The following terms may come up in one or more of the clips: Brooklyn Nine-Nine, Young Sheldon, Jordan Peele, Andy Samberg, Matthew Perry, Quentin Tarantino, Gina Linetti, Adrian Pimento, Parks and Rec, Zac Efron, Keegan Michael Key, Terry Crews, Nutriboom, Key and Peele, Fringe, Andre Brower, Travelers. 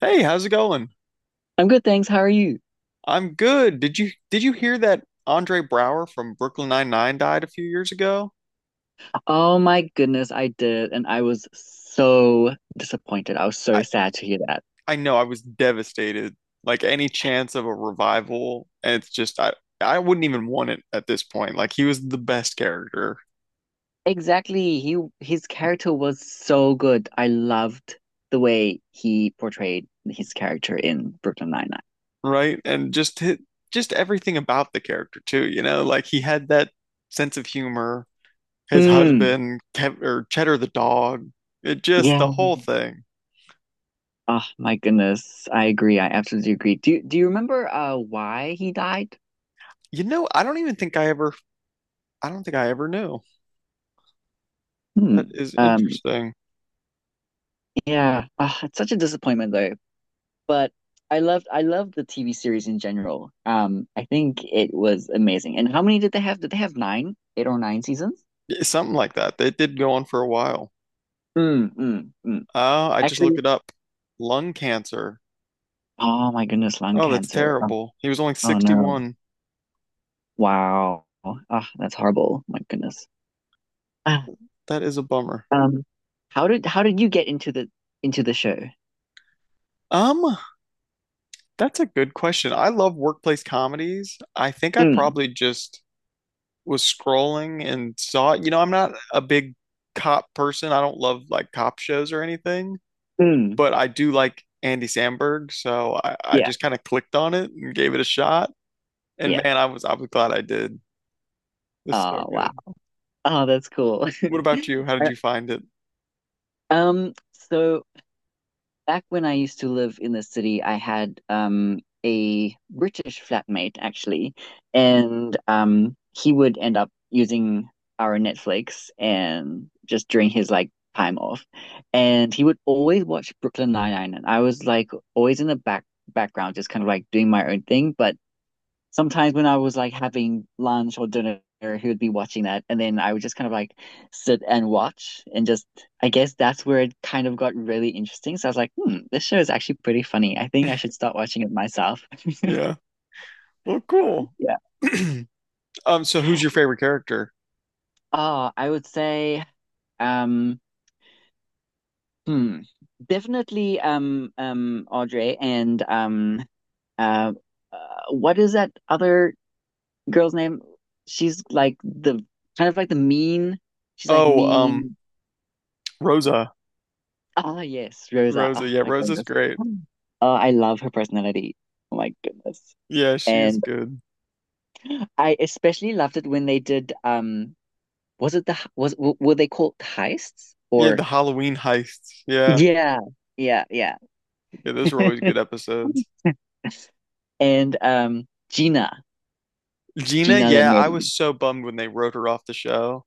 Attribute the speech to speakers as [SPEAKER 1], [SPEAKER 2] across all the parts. [SPEAKER 1] Hey, how's it going?
[SPEAKER 2] I'm good, thanks. How are you?
[SPEAKER 1] I'm good. Did you hear that Andre Brower from Brooklyn Nine-Nine died a few years ago?
[SPEAKER 2] Oh my goodness, I did, and I was so disappointed. I was
[SPEAKER 1] I
[SPEAKER 2] so sad to hear that.
[SPEAKER 1] I know I was devastated. Like any chance of a revival, and it's just I wouldn't even want it at this point. Like he was the best character,
[SPEAKER 2] Exactly. He his character was so good. I loved the way he portrayed his character in Brooklyn Nine-Nine.
[SPEAKER 1] right? And just just everything about the character too, you know? Like he had that sense of humor, his
[SPEAKER 2] Mm,
[SPEAKER 1] husband, Kev or Cheddar the dog. It just
[SPEAKER 2] yeah.
[SPEAKER 1] the whole thing.
[SPEAKER 2] Oh my goodness. I agree. I absolutely agree. Do you remember why he died?
[SPEAKER 1] You know, I don't even think I don't think I ever knew. That
[SPEAKER 2] Hmm.
[SPEAKER 1] is
[SPEAKER 2] Um,
[SPEAKER 1] interesting.
[SPEAKER 2] yeah. Ah, it's such a disappointment though. But I loved the TV series in general. I think it was amazing. And how many did they have? Did they have eight or nine seasons?
[SPEAKER 1] Yeah, something like that. It did go on for a while.
[SPEAKER 2] Mm.
[SPEAKER 1] I just looked
[SPEAKER 2] Actually,
[SPEAKER 1] it up. Lung cancer.
[SPEAKER 2] oh my goodness, lung
[SPEAKER 1] Oh, that's
[SPEAKER 2] cancer. Oh,
[SPEAKER 1] terrible. He was only
[SPEAKER 2] oh no.
[SPEAKER 1] 61.
[SPEAKER 2] Wow. Ah, that's horrible. My goodness. Ah,
[SPEAKER 1] That is a bummer.
[SPEAKER 2] um, how did you get into the show?
[SPEAKER 1] Um, that's a good question. I love workplace comedies. I think I
[SPEAKER 2] Mm,
[SPEAKER 1] probably just was scrolling and saw it. You know, I'm not a big cop person. I don't love like cop shows or anything,
[SPEAKER 2] mm,
[SPEAKER 1] but I do like Andy Samberg, so I
[SPEAKER 2] yeah,
[SPEAKER 1] just kind of clicked on it and gave it a shot. And
[SPEAKER 2] yeah.
[SPEAKER 1] man, I was glad I did. It's so
[SPEAKER 2] Oh wow.
[SPEAKER 1] good.
[SPEAKER 2] Oh, that's cool.
[SPEAKER 1] What about you? How did
[SPEAKER 2] Uh,
[SPEAKER 1] you find it?
[SPEAKER 2] So back when I used to live in the city, I had a British flatmate actually, and he would end up using our Netflix and just during his like time off, and he would always watch Brooklyn Nine-Nine, and I was like always in the back background, just kind of like doing my own thing, but sometimes when I was like having lunch or dinner, he would be watching that, and then I would just kind of like sit and watch, and just I guess that's where it kind of got really interesting. So I was like, hmm, this show is actually pretty funny. I think I should start watching it myself.
[SPEAKER 1] Yeah. Well, cool.
[SPEAKER 2] Yeah.
[SPEAKER 1] So who's your favorite character?
[SPEAKER 2] Oh, I would say, um, hmm, definitely, Audrey and uh, what is that other girl's name? She's like the kind of like the mean. She's like
[SPEAKER 1] Oh,
[SPEAKER 2] mean.
[SPEAKER 1] Rosa.
[SPEAKER 2] Ah, yes, Rosa.
[SPEAKER 1] Rosa.
[SPEAKER 2] Oh
[SPEAKER 1] Yeah,
[SPEAKER 2] my
[SPEAKER 1] Rosa's
[SPEAKER 2] goodness.
[SPEAKER 1] great.
[SPEAKER 2] Oh, I love her personality. Oh my goodness.
[SPEAKER 1] Yeah, she's
[SPEAKER 2] And
[SPEAKER 1] good.
[SPEAKER 2] I especially loved it when they did was it the were they called heists
[SPEAKER 1] Yeah,
[SPEAKER 2] or
[SPEAKER 1] the Halloween heists. Yeah.
[SPEAKER 2] yeah, yeah, yeah.
[SPEAKER 1] Yeah, those were always good episodes.
[SPEAKER 2] And Gina,
[SPEAKER 1] Gina,
[SPEAKER 2] Gina
[SPEAKER 1] yeah, I was
[SPEAKER 2] Linetti.
[SPEAKER 1] so bummed when they wrote her off the show.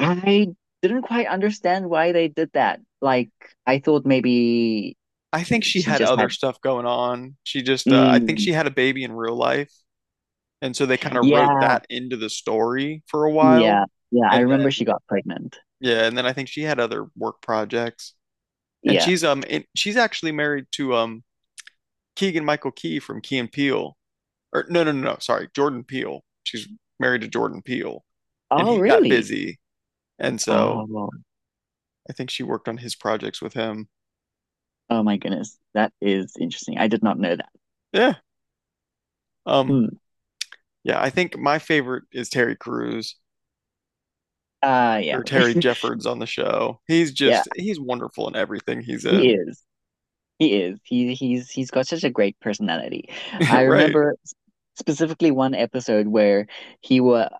[SPEAKER 2] I didn't quite understand why they did that. Like I thought maybe
[SPEAKER 1] I think she
[SPEAKER 2] she
[SPEAKER 1] had
[SPEAKER 2] just
[SPEAKER 1] other
[SPEAKER 2] had
[SPEAKER 1] stuff going on. She just, I think
[SPEAKER 2] mm,
[SPEAKER 1] she had a baby in real life. And so they kind of wrote
[SPEAKER 2] yeah,
[SPEAKER 1] that into the story for a while.
[SPEAKER 2] yeah, yeah. I
[SPEAKER 1] And
[SPEAKER 2] remember she
[SPEAKER 1] then
[SPEAKER 2] got pregnant.
[SPEAKER 1] yeah, and then I think she had other work projects. And
[SPEAKER 2] Yeah.
[SPEAKER 1] she's actually married to Keegan Michael Key from Key and Peele. Or no, no, no, no, sorry, Jordan Peele. She's married to Jordan Peele. And
[SPEAKER 2] Oh,
[SPEAKER 1] he got
[SPEAKER 2] really?
[SPEAKER 1] busy. And so
[SPEAKER 2] Oh, well,
[SPEAKER 1] I think she worked on his projects with him.
[SPEAKER 2] oh my goodness. That is interesting. I did not know that.
[SPEAKER 1] Yeah. Um
[SPEAKER 2] Hmm.
[SPEAKER 1] yeah, I think my favorite is Terry Crews or
[SPEAKER 2] Yeah.
[SPEAKER 1] Terry Jeffords on the show. He's
[SPEAKER 2] Yeah,
[SPEAKER 1] just he's wonderful in everything he's
[SPEAKER 2] he
[SPEAKER 1] in.
[SPEAKER 2] is. He is. He's got such a great personality. I
[SPEAKER 1] Right.
[SPEAKER 2] remember specifically one episode where he was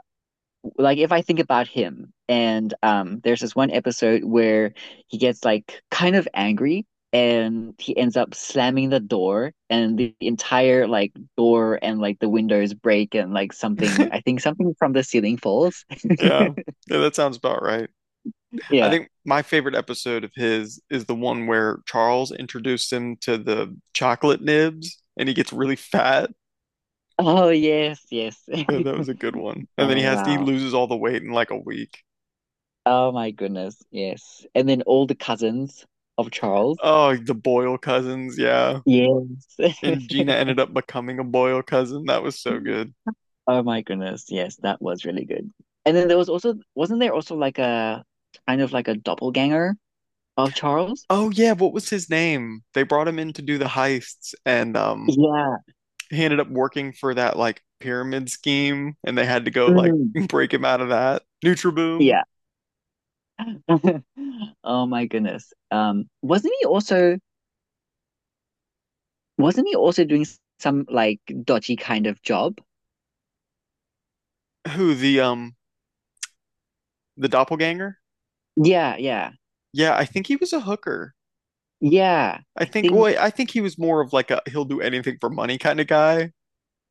[SPEAKER 2] like if I think about him, and there's this one episode where he gets like kind of angry and he ends up slamming the door and the entire like door and like the windows break and like something I think something from the ceiling falls.
[SPEAKER 1] Yeah. Yeah, that sounds about right. I
[SPEAKER 2] Yeah.
[SPEAKER 1] think my favorite episode of his is the one where Charles introduced him to the chocolate nibs and he gets really fat.
[SPEAKER 2] Oh yes, yes.
[SPEAKER 1] Yeah, that was a good one. And then
[SPEAKER 2] Oh
[SPEAKER 1] he
[SPEAKER 2] wow.
[SPEAKER 1] loses all the weight in like a week.
[SPEAKER 2] Oh my goodness. Yes. And then all the cousins of Charles.
[SPEAKER 1] Oh, the Boyle cousins, yeah.
[SPEAKER 2] Yes.
[SPEAKER 1] And Gina ended up becoming a Boyle cousin. That was so good.
[SPEAKER 2] Oh my goodness, yes, that was really good. And then there was also, wasn't there also like a kind of like a doppelganger of Charles?
[SPEAKER 1] Oh yeah, what was his name? They brought him in to do the heists and
[SPEAKER 2] Yeah.
[SPEAKER 1] he ended up working for that like pyramid scheme and they had to go like
[SPEAKER 2] Mm,
[SPEAKER 1] break him out of that. Nutriboom,
[SPEAKER 2] yeah. Oh my goodness. Wasn't he also doing some like dodgy kind of job?
[SPEAKER 1] who the doppelganger?
[SPEAKER 2] Yeah, yeah.
[SPEAKER 1] Yeah, I think he was a hooker.
[SPEAKER 2] Yeah. I think
[SPEAKER 1] I think he was more of like a he'll do anything for money kind of guy.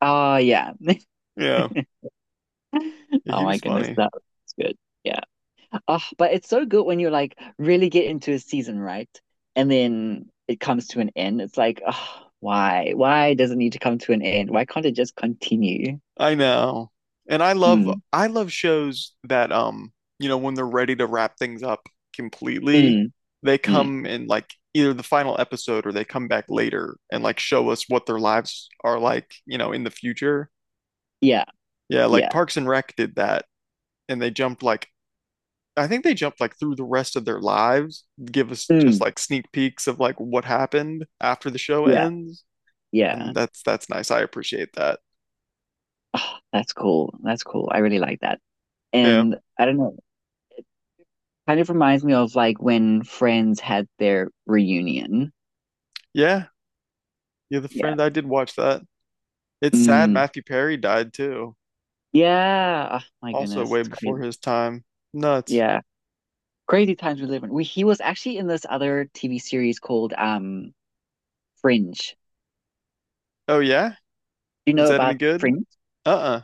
[SPEAKER 2] yeah.
[SPEAKER 1] Yeah, yeah,
[SPEAKER 2] Oh
[SPEAKER 1] he
[SPEAKER 2] my
[SPEAKER 1] was
[SPEAKER 2] goodness,
[SPEAKER 1] funny.
[SPEAKER 2] that was good. Yeah. Oh, but it's so good when you like really get into a season, right? And then it comes to an end. It's like, oh, why? Why does it need to come to an end? Why can't it just continue?
[SPEAKER 1] I know. And I love
[SPEAKER 2] Mm,
[SPEAKER 1] I love shows that you know, when they're ready to wrap things up completely,
[SPEAKER 2] mm,
[SPEAKER 1] they come
[SPEAKER 2] mm.
[SPEAKER 1] in like either the final episode or they come back later and like show us what their lives are like, you know, in the future.
[SPEAKER 2] Yeah,
[SPEAKER 1] Yeah, like
[SPEAKER 2] yeah.
[SPEAKER 1] Parks and Rec did that and they jumped like I think they jumped like through the rest of their lives, give us just
[SPEAKER 2] Mm,
[SPEAKER 1] like sneak peeks of like what happened after the show
[SPEAKER 2] yeah,
[SPEAKER 1] ends.
[SPEAKER 2] yeah.
[SPEAKER 1] And that's nice. I appreciate that.
[SPEAKER 2] Oh, that's cool. That's cool. I really like that.
[SPEAKER 1] Yeah.
[SPEAKER 2] And I don't know, kind of reminds me of like when Friends had their reunion.
[SPEAKER 1] Yeah. Yeah, the
[SPEAKER 2] Yeah.
[SPEAKER 1] friend I did watch that. It's sad
[SPEAKER 2] Mm,
[SPEAKER 1] Matthew Perry died too.
[SPEAKER 2] yeah. Oh my
[SPEAKER 1] Also
[SPEAKER 2] goodness,
[SPEAKER 1] way
[SPEAKER 2] it's
[SPEAKER 1] before
[SPEAKER 2] crazy.
[SPEAKER 1] his time. Nuts.
[SPEAKER 2] Yeah. Crazy times we live in. We, he was actually in this other TV series called Fringe.
[SPEAKER 1] Oh yeah?
[SPEAKER 2] Do you
[SPEAKER 1] Is
[SPEAKER 2] know
[SPEAKER 1] that any
[SPEAKER 2] about
[SPEAKER 1] good?
[SPEAKER 2] Fringe?
[SPEAKER 1] Uh-uh.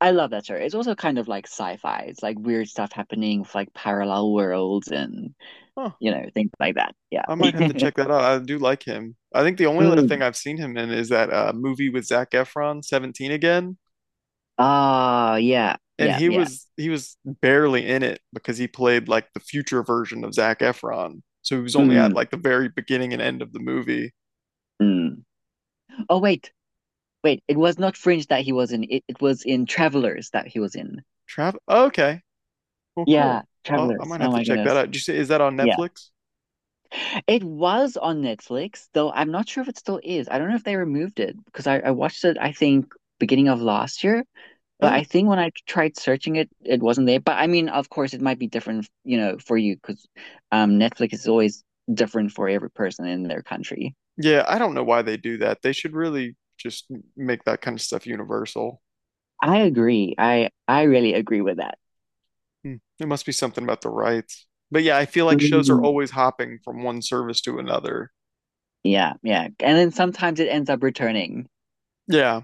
[SPEAKER 2] I love that show. It's also kind of like sci-fi. It's like weird stuff happening with like parallel worlds and
[SPEAKER 1] Huh.
[SPEAKER 2] you know things like that. Yeah.
[SPEAKER 1] I might have to check that out. I do like him. I think the only other thing
[SPEAKER 2] Mm.
[SPEAKER 1] I've seen him in is that movie with Zac Efron, 17 again.
[SPEAKER 2] Ah, yeah,
[SPEAKER 1] And
[SPEAKER 2] yeah,
[SPEAKER 1] he
[SPEAKER 2] yeah.
[SPEAKER 1] was he was barely in it because he played like the future version of Zac Efron. So he was only at
[SPEAKER 2] Mm,
[SPEAKER 1] like the very beginning and end of the movie.
[SPEAKER 2] mm. Oh wait. It was not Fringe that he was in. It was in Travelers that he was in.
[SPEAKER 1] Trav oh, okay. Well,
[SPEAKER 2] Yeah,
[SPEAKER 1] cool. Well, I
[SPEAKER 2] Travelers.
[SPEAKER 1] might have
[SPEAKER 2] Oh
[SPEAKER 1] to
[SPEAKER 2] my
[SPEAKER 1] check that
[SPEAKER 2] goodness.
[SPEAKER 1] out. Did you say is that on
[SPEAKER 2] Yeah.
[SPEAKER 1] Netflix?
[SPEAKER 2] It was on Netflix, though I'm not sure if it still is. I don't know if they removed it because I watched it, I think, beginning of last year. But
[SPEAKER 1] Uh,
[SPEAKER 2] I think when I tried searching it, it wasn't there. But I mean, of course, it might be different, you know, for you because Netflix is always different for every person in their country.
[SPEAKER 1] yeah, I don't know why they do that. They should really just make that kind of stuff universal.
[SPEAKER 2] I agree. I really agree with that.
[SPEAKER 1] Hmm. There must be something about the rights. But yeah, I feel like shows are
[SPEAKER 2] Mhm.
[SPEAKER 1] always hopping from one service to another.
[SPEAKER 2] Yeah, yeah. And then sometimes it ends up returning.
[SPEAKER 1] Yeah.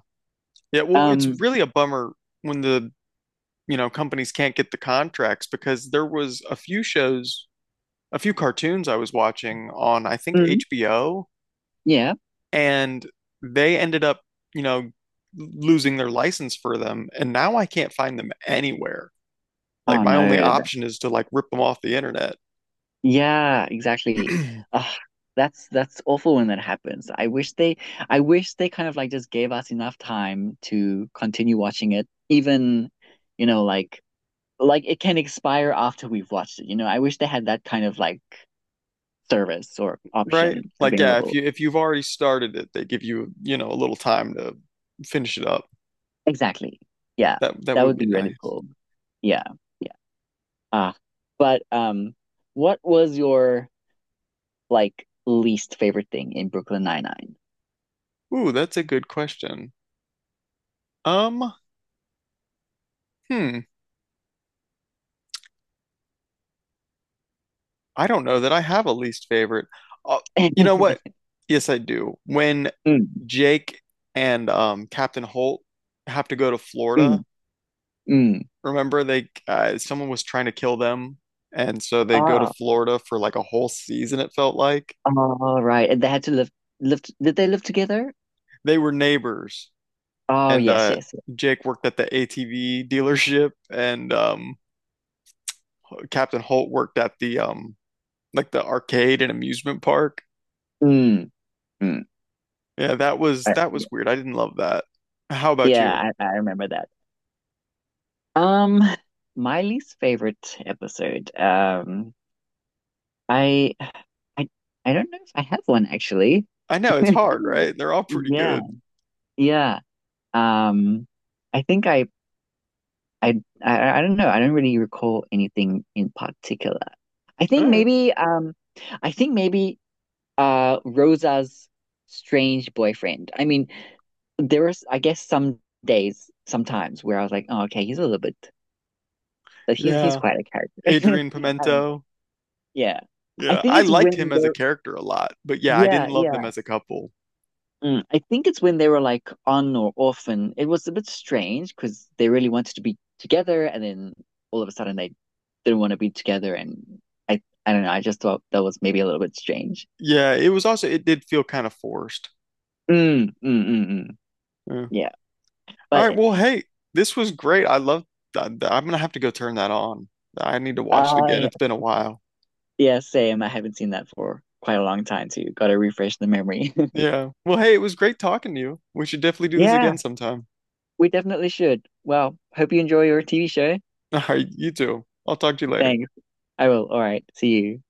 [SPEAKER 1] Yeah, well, it's
[SPEAKER 2] Um,
[SPEAKER 1] really a bummer when the you know, companies can't get the contracts because there was a few shows, a few cartoons I was watching on, I think
[SPEAKER 2] mhm,
[SPEAKER 1] HBO,
[SPEAKER 2] yeah.
[SPEAKER 1] and they ended up, you know, losing their license for them, and now I can't find them anywhere. Like
[SPEAKER 2] Oh
[SPEAKER 1] my only
[SPEAKER 2] no,
[SPEAKER 1] option is to like rip them off the internet.
[SPEAKER 2] yeah, exactly. Ugh, that's awful when that happens. I wish they kind of like just gave us enough time to continue watching it, even, you know, like it can expire after we've watched it. You know, I wish they had that kind of like service or
[SPEAKER 1] Right?
[SPEAKER 2] option
[SPEAKER 1] Like yeah, if
[SPEAKER 2] available.
[SPEAKER 1] you if you've already started it, they give you, you know, a little time to finish it up.
[SPEAKER 2] Exactly. Yeah.
[SPEAKER 1] That
[SPEAKER 2] That
[SPEAKER 1] would
[SPEAKER 2] would
[SPEAKER 1] be
[SPEAKER 2] be really
[SPEAKER 1] nice.
[SPEAKER 2] cool. Yeah. Yeah. Ah. But what was your like least favorite thing in Brooklyn Nine-Nine?
[SPEAKER 1] Ooh, that's a good question. Um, hmm. I don't know that I have a least favorite. Uh, you know what? Yes, I do. When
[SPEAKER 2] Mm,
[SPEAKER 1] Jake and Captain Holt have to go to Florida,
[SPEAKER 2] mm. Mm.
[SPEAKER 1] remember they someone was trying to kill them, and so they go to
[SPEAKER 2] Oh,
[SPEAKER 1] Florida for like a whole season, it felt like.
[SPEAKER 2] all right. And they had to live. Did they live together?
[SPEAKER 1] They were neighbors,
[SPEAKER 2] Oh,
[SPEAKER 1] and
[SPEAKER 2] yes, yes, yes.
[SPEAKER 1] Jake worked at the ATV dealership, and Captain Holt worked at the like the arcade and amusement park.
[SPEAKER 2] Mm. Mm.
[SPEAKER 1] Yeah, that was
[SPEAKER 2] I,
[SPEAKER 1] that was weird. I didn't love that. How about you?
[SPEAKER 2] yeah, I remember that. Um, my least favorite episode. I, I, I don't know if I have one actually.
[SPEAKER 1] I know it's hard, right? They're all pretty
[SPEAKER 2] Yeah,
[SPEAKER 1] good.
[SPEAKER 2] yeah. Um, I think I don't know. I don't really recall anything in particular. I think
[SPEAKER 1] All right.
[SPEAKER 2] I think maybe Rosa's strange boyfriend. I mean, there was I guess some days, sometimes where I was like, oh, okay, he's a little bit, but he's
[SPEAKER 1] Yeah.
[SPEAKER 2] quite a character.
[SPEAKER 1] Adrian
[SPEAKER 2] I don't know.
[SPEAKER 1] Pimento.
[SPEAKER 2] Yeah, I
[SPEAKER 1] Yeah,
[SPEAKER 2] think
[SPEAKER 1] I
[SPEAKER 2] it's
[SPEAKER 1] liked him
[SPEAKER 2] when
[SPEAKER 1] as a
[SPEAKER 2] they're
[SPEAKER 1] character a lot, but yeah, I didn't
[SPEAKER 2] yeah,
[SPEAKER 1] love
[SPEAKER 2] yeah.
[SPEAKER 1] them as a couple.
[SPEAKER 2] Mm. I think it's when they were like on or off, and it was a bit strange because they really wanted to be together, and then all of a sudden they didn't want to be together, and I don't know. I just thought that was maybe a little bit strange.
[SPEAKER 1] Yeah, it was also it did feel kind of forced.
[SPEAKER 2] Mm, mm, mm, mm.
[SPEAKER 1] Yeah.
[SPEAKER 2] Yeah,
[SPEAKER 1] All
[SPEAKER 2] but
[SPEAKER 1] right, well, hey, this was great. I love that. I'm gonna have to go turn that on. I need to watch it again.
[SPEAKER 2] yeah.
[SPEAKER 1] It's been a while.
[SPEAKER 2] Yeah, same. I haven't seen that for quite a long time too. Got to refresh the memory.
[SPEAKER 1] Yeah. Well, hey, it was great talking to you. We should definitely do this
[SPEAKER 2] Yeah,
[SPEAKER 1] again sometime.
[SPEAKER 2] we definitely should. Well, hope you enjoy your TV show.
[SPEAKER 1] All right, you too. I'll talk to you later.
[SPEAKER 2] Thanks. I will. All right. See you.